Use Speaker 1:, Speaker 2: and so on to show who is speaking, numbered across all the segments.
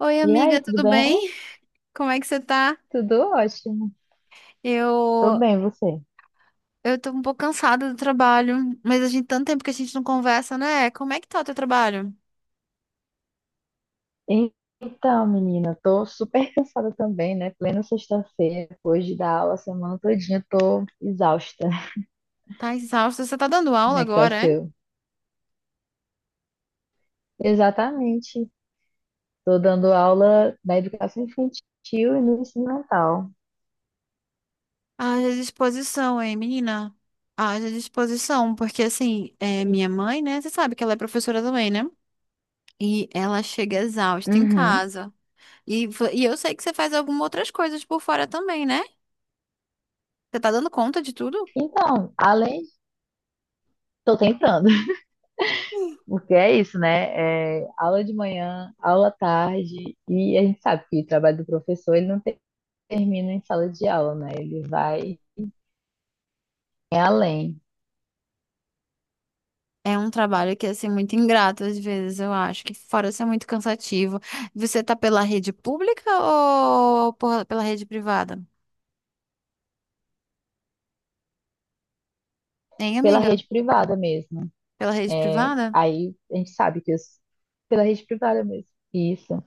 Speaker 1: Oi,
Speaker 2: E aí,
Speaker 1: amiga,
Speaker 2: tudo
Speaker 1: tudo bem?
Speaker 2: bem?
Speaker 1: Como é que você tá?
Speaker 2: Tudo ótimo. Tô
Speaker 1: Eu,
Speaker 2: bem, você?
Speaker 1: eu tô um pouco cansada do trabalho, mas a gente tanto tempo que a gente não conversa, né? Como é que tá o teu trabalho?
Speaker 2: E- Então, menina, tô super cansada também, né? Plena sexta-feira, depois de dar aula a semana todinha, tô exausta.
Speaker 1: Tá exausta? Você tá dando
Speaker 2: Como
Speaker 1: aula
Speaker 2: é que tá o
Speaker 1: agora, hein?
Speaker 2: seu? Exatamente. Tô dando aula na educação infantil e no ensino mental.
Speaker 1: Haja disposição, hein, menina? Haja disposição, porque assim, é minha mãe, né? Você sabe que ela é professora também, né? E ela chega exausta em
Speaker 2: Uhum.
Speaker 1: casa. E eu sei que você faz algumas outras coisas por fora também, né? Você tá dando conta de tudo?
Speaker 2: Então, além, tô tentando, porque é isso, né? É aula de manhã, aula à tarde, e a gente sabe que o trabalho do professor, ele não termina em sala de aula, né? Ele vai. É além,
Speaker 1: É um trabalho que é assim, muito ingrato às vezes, eu acho, que fora ser muito cansativo. Você tá pela rede pública ou pela rede privada? Hein,
Speaker 2: pela
Speaker 1: amiga?
Speaker 2: rede privada mesmo.
Speaker 1: Pela rede
Speaker 2: É,
Speaker 1: privada?
Speaker 2: aí a gente sabe que os, pela rede privada mesmo. Isso.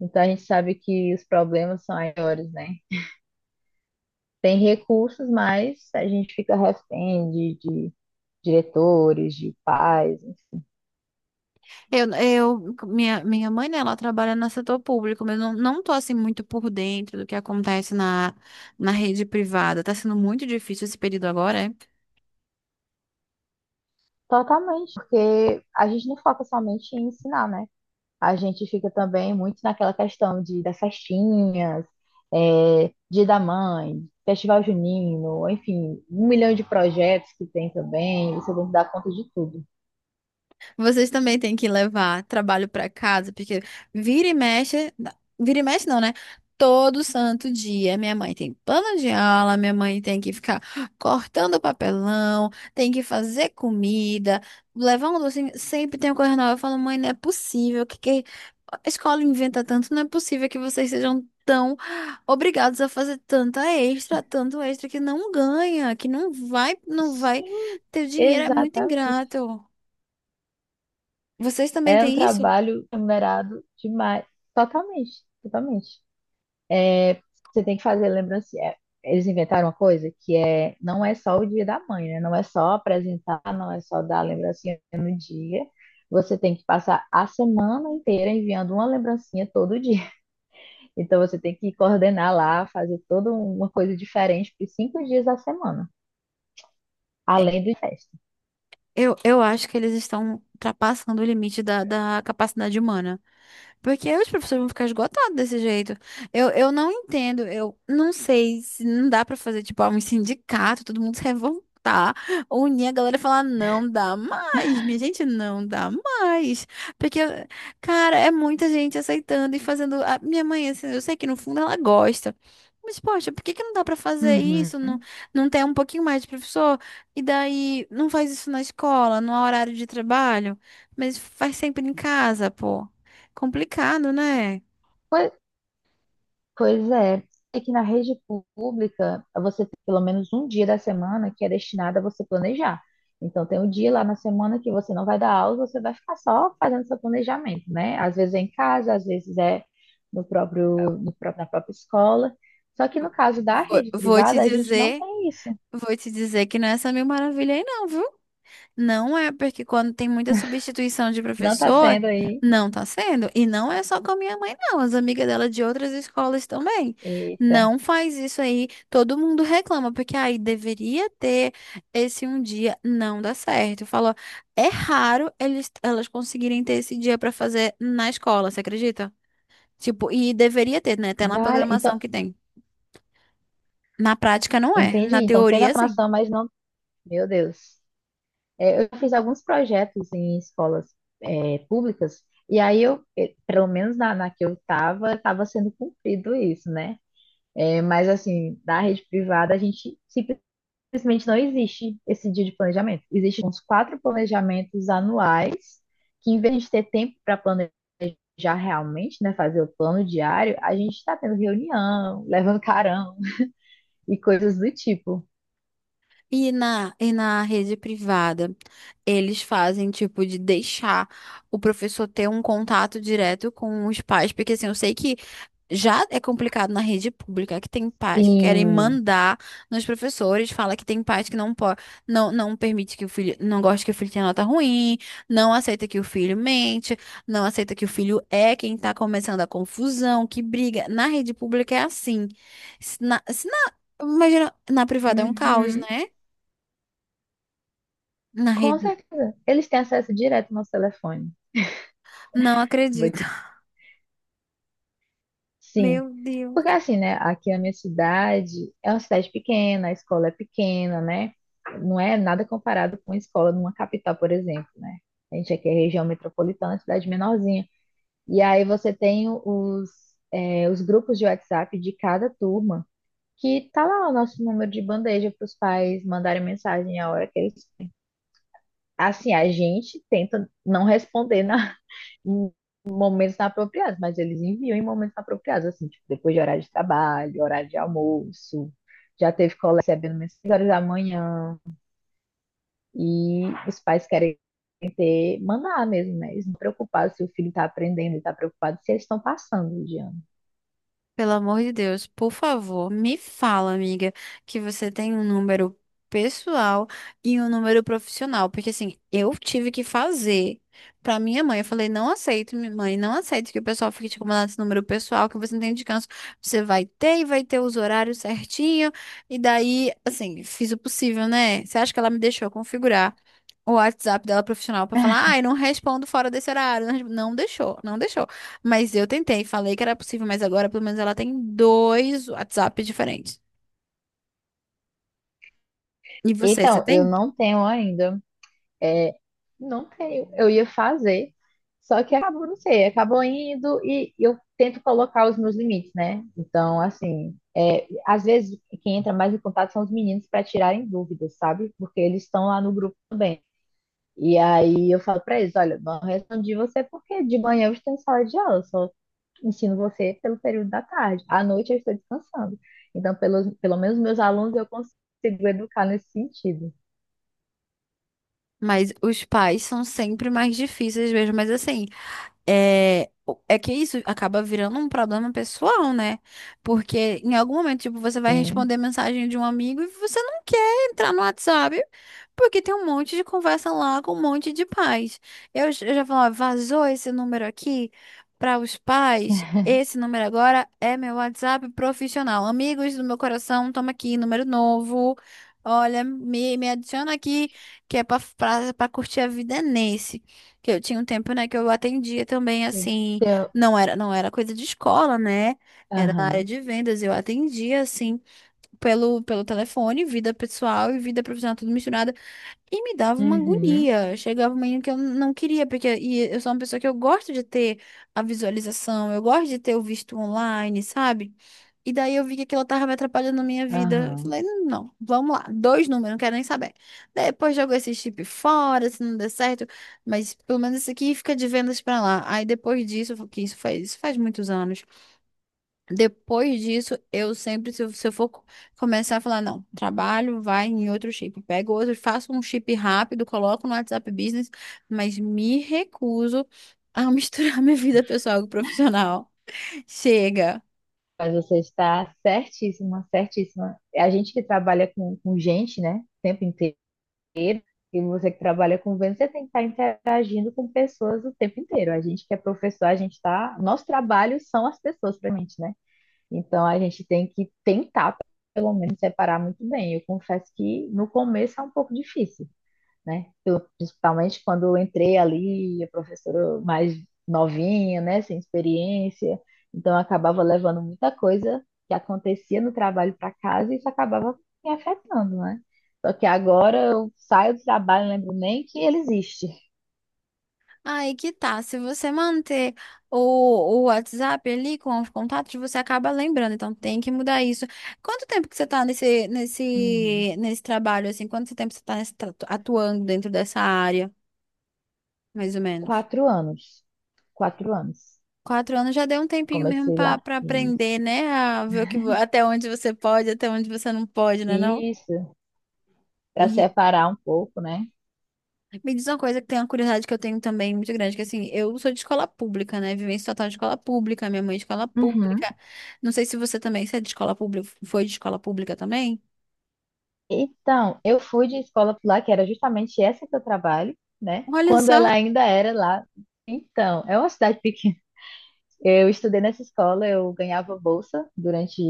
Speaker 2: Então a gente sabe que os problemas são maiores, né? Tem recursos, mas a gente fica refém de diretores, de pais, enfim.
Speaker 1: Minha mãe, né, ela trabalha no setor público, mas eu não tô assim muito por dentro do que acontece na rede privada. Tá sendo muito difícil esse período agora, é?
Speaker 2: Totalmente, porque a gente não foca somente em ensinar, né? A gente fica também muito naquela questão de das festinhas, é, Dia da Mãe, Festival Junino, enfim, um milhão de projetos que tem também, você tem que dar conta de tudo.
Speaker 1: Vocês também têm que levar trabalho para casa, porque vira e mexe, vira e mexe não, né? Todo santo dia, minha mãe tem plano de aula, minha mãe tem que ficar cortando papelão, tem que fazer comida, levar um docinho, sempre tem uma coisa nova. Eu falo, mãe, não é possível, que a escola inventa tanto, não é possível que vocês sejam tão obrigados a fazer tanta extra, tanto extra que não ganha, que não vai
Speaker 2: Sim,
Speaker 1: ter dinheiro, é muito
Speaker 2: exatamente.
Speaker 1: ingrato. Vocês também
Speaker 2: É um
Speaker 1: têm isso?
Speaker 2: trabalho remunerado demais. Totalmente, totalmente. Você tem que fazer lembrancinha. É, eles inventaram uma coisa que é, não é só o Dia da Mãe, né? Não é só apresentar, não é só dar lembrancinha no dia. Você tem que passar a semana inteira enviando uma lembrancinha todo dia. Então você tem que coordenar lá, fazer toda uma coisa diferente por cinco dias da semana, além do festa.
Speaker 1: Eu acho que eles estão ultrapassando o limite da capacidade humana. Porque os professores vão ficar esgotados desse jeito. Eu não entendo, eu não sei se não dá pra fazer, tipo, ah, um sindicato, todo mundo se revoltar, unir a galera e falar, não dá mais, minha gente, não dá mais. Porque, cara, é muita gente aceitando e fazendo. A minha mãe, assim, eu sei que no fundo ela gosta. Mas, poxa, por que que não dá pra fazer isso? Não,
Speaker 2: Uhum.
Speaker 1: não tem um pouquinho mais de professor? E daí, não faz isso na escola, no horário de trabalho, mas faz sempre em casa, pô. Complicado, né?
Speaker 2: Foi, pois é, é que na rede pública você tem pelo menos um dia da semana que é destinado a você planejar. Então tem um dia lá na semana que você não vai dar aula, você vai ficar só fazendo seu planejamento, né? Às vezes é em casa, às vezes é no próprio, no próprio- na própria escola. Só que no caso da
Speaker 1: Vou,
Speaker 2: rede
Speaker 1: vou te
Speaker 2: privada, a gente não
Speaker 1: dizer,
Speaker 2: tem isso.
Speaker 1: vou te dizer que não é essa mil maravilha aí não, viu? Não é porque quando tem muita substituição de
Speaker 2: Não está
Speaker 1: professor,
Speaker 2: sendo aí.
Speaker 1: não tá sendo. E não é só com a minha mãe, não. As amigas dela de outras escolas também.
Speaker 2: Eita,
Speaker 1: Não faz isso aí. Todo mundo reclama, porque aí deveria ter esse um dia, não dá certo. Falou, é raro elas conseguirem ter esse dia pra fazer na escola, você acredita? Tipo, e deveria ter, né? Até na
Speaker 2: vale. Então,
Speaker 1: programação que tem. Na prática não é.
Speaker 2: entendi.
Speaker 1: Na
Speaker 2: Então tem na
Speaker 1: teoria, sim.
Speaker 2: programação, mas não. Meu Deus. É, eu fiz alguns projetos em escolas, é, públicas, e aí eu, pelo menos na que eu estava sendo cumprido isso, né? É, mas assim, da rede privada, a gente simplesmente não existe esse dia de planejamento. Existem uns quatro planejamentos anuais, que em vez de ter tempo para planejar realmente, né, fazer o plano diário, a gente está tendo reunião, levando carão e coisas do tipo.
Speaker 1: E na rede privada, eles fazem tipo de deixar o professor ter um contato direto com os pais, porque assim, eu sei que já é complicado na rede pública, que tem pais que querem
Speaker 2: E
Speaker 1: mandar nos professores, fala que tem pais que não pode, não permite que o filho, não gosta que o filho tenha nota ruim, não aceita que o filho mente, não aceita que o filho é quem tá começando a confusão, que briga. Na rede pública é assim. Se na, se na- imagina, na privada é um caos,
Speaker 2: uhum.
Speaker 1: né? Na
Speaker 2: Com
Speaker 1: rede.
Speaker 2: certeza. Eles têm acesso direto ao nosso telefone.
Speaker 1: Não
Speaker 2: Vou
Speaker 1: acredito.
Speaker 2: te... Sim.
Speaker 1: Meu Deus.
Speaker 2: Porque assim, né? Aqui na minha cidade é uma cidade pequena, a escola é pequena, né? Não é nada comparado com a escola numa capital, por exemplo, né? A gente aqui é região metropolitana, cidade menorzinha. E aí você tem os, é, os grupos de WhatsApp de cada turma, que tá lá o nosso número de bandeja para os pais mandarem mensagem a hora que eles. Assim, a gente tenta não responder na em momentos apropriados, mas eles enviam em momentos apropriados, assim, tipo, depois de horário de trabalho, horário de almoço. Já teve colega recebendo umas 6 horas da manhã. E os pais querem ter, mandar mesmo, né? Eles não estão preocupados se o filho está aprendendo, ele está preocupado se eles estão passando de ano.
Speaker 1: Pelo amor de Deus, por favor, me fala, amiga, que você tem um número pessoal e um número profissional, porque assim, eu tive que fazer pra minha mãe. Eu falei, não aceito, minha mãe, não aceito que o pessoal fique te incomodando esse número pessoal, que você não tem descanso. Você vai ter e vai ter os horários certinho. E daí, assim, fiz o possível, né? Você acha que ela me deixou configurar? O WhatsApp dela profissional pra falar, ai, não respondo fora desse horário. Não, não deixou, não deixou. Mas eu tentei, falei que era possível, mas agora pelo menos ela tem dois WhatsApp diferentes. E você
Speaker 2: Então, eu
Speaker 1: tem?
Speaker 2: não tenho ainda. É, não tenho. Eu ia fazer, só que acabou, não sei, acabou indo e eu tento colocar os meus limites, né? Então, assim, é, às vezes quem entra mais em contato são os meninos para tirarem dúvidas, sabe? Porque eles estão lá no grupo também. E aí eu falo para eles, olha, não respondi você porque de manhã eu estou em sala de aula, eu só ensino você pelo período da tarde. À noite eu estou descansando. Então, pelos pelo menos meus alunos eu consigo educar nesse sentido.
Speaker 1: Mas os pais são sempre mais difíceis mesmo. Mas assim, é, é que isso acaba virando um problema pessoal, né? Porque em algum momento, tipo, você vai
Speaker 2: Então,
Speaker 1: responder mensagem de um amigo e você não quer entrar no WhatsApp porque tem um monte de conversa lá com um monte de pais. Eu já falo, ó, vazou esse número aqui para os pais. Esse número agora é meu WhatsApp profissional. Amigos do meu coração, toma aqui, número novo. Olha, me adiciona aqui, que é pra curtir a vida é nesse. Que eu tinha um tempo, né, que eu atendia também, assim, não era coisa de escola, né? Era na área
Speaker 2: aham,
Speaker 1: de vendas, eu atendia, assim, pelo telefone, vida pessoal e vida profissional, tudo misturado. E me dava uma
Speaker 2: uhum,
Speaker 1: agonia. Chegava um momento que eu não queria, porque e eu sou uma pessoa que eu gosto de ter a visualização, eu gosto de ter o visto online, sabe? E daí eu vi que aquilo tava me atrapalhando na minha vida. Eu
Speaker 2: aham.
Speaker 1: falei, não, vamos lá, dois números, não quero nem saber. Depois jogo esse chip fora, se não der certo, mas pelo menos esse aqui fica de vendas pra lá. Aí depois disso, eu falei, que isso faz muitos anos. Depois disso, eu sempre, se eu for começar a falar, não, trabalho, vai em outro chip, pego outro, faço um chip rápido, coloco no WhatsApp Business, mas me recuso a misturar minha vida pessoal e profissional. Chega.
Speaker 2: Mas você está certíssima, certíssima. É a gente que trabalha com gente, né, o tempo inteiro, e você que trabalha com venda, você tem que estar interagindo com pessoas o tempo inteiro. A gente que é professor, a gente está. Nosso trabalho são as pessoas pra gente, né? Então a gente tem que tentar, pelo menos, separar muito bem. Eu confesso que no começo é um pouco difícil. Né? Eu, principalmente quando eu entrei ali, a professora mais novinha, né, sem experiência, então eu acabava levando muita coisa que acontecia no trabalho para casa e isso acabava me afetando, né? Só que agora eu saio do trabalho, não lembro nem que ele existe.
Speaker 1: Aí que tá, se você manter o WhatsApp ali com os contatos, você acaba lembrando, então tem que mudar isso. Quanto tempo que você tá
Speaker 2: Uhum.
Speaker 1: nesse trabalho, assim, quanto tempo você tá atuando dentro dessa área, mais ou menos?
Speaker 2: Quatro anos, quatro anos.
Speaker 1: 4 anos já deu um tempinho mesmo
Speaker 2: Comecei
Speaker 1: pra
Speaker 2: lá.
Speaker 1: para
Speaker 2: Isso,
Speaker 1: aprender, né? A ver o que, até onde você pode, até onde você não pode, né, não?
Speaker 2: isso. Para
Speaker 1: E
Speaker 2: separar um pouco, né?
Speaker 1: me diz uma coisa que tem uma curiosidade que eu tenho também muito grande, que assim, eu sou de escola pública, né? Vivência total de escola pública, minha mãe de escola
Speaker 2: Uhum.
Speaker 1: pública. Não sei se você também, você é de escola pública, foi de escola pública também?
Speaker 2: Então, eu fui de escola pular, que era justamente essa que eu trabalho, né?
Speaker 1: Olha
Speaker 2: Quando ela
Speaker 1: só,
Speaker 2: ainda era lá. Então, é uma cidade pequena. Eu estudei nessa escola, eu ganhava bolsa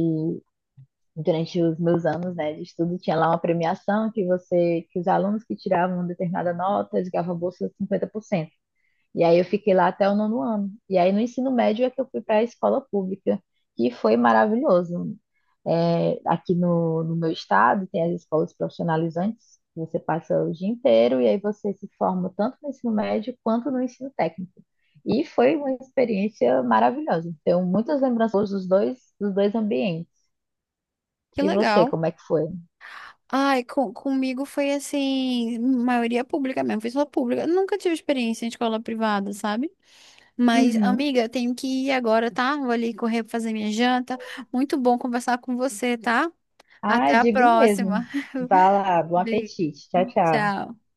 Speaker 2: durante os meus anos, né, de estudo. Tinha lá uma premiação que você, que os alunos que tiravam determinada nota, eles ganhavam bolsa de 50%. E aí eu fiquei lá até o nono ano. E aí no ensino médio é que eu fui para a escola pública, que foi maravilhoso. É, aqui no meu estado tem as escolas profissionalizantes, que você passa o dia inteiro e aí você se forma tanto no ensino médio quanto no ensino técnico. E foi uma experiência maravilhosa. Tenho muitas lembranças dos dois ambientes.
Speaker 1: que
Speaker 2: E você,
Speaker 1: legal.
Speaker 2: como é que foi?
Speaker 1: Ai, comigo foi assim, maioria pública mesmo, foi escola pública. Eu nunca tive experiência em escola privada, sabe? Mas,
Speaker 2: Uhum.
Speaker 1: amiga, eu tenho que ir agora, tá? Vou ali correr pra fazer minha janta. Muito bom conversar com você, tá?
Speaker 2: Ah,
Speaker 1: Até a
Speaker 2: digo mesmo.
Speaker 1: próxima.
Speaker 2: Vá lá, bom
Speaker 1: Beijo.
Speaker 2: apetite. Tchau, tchau.
Speaker 1: Tchau.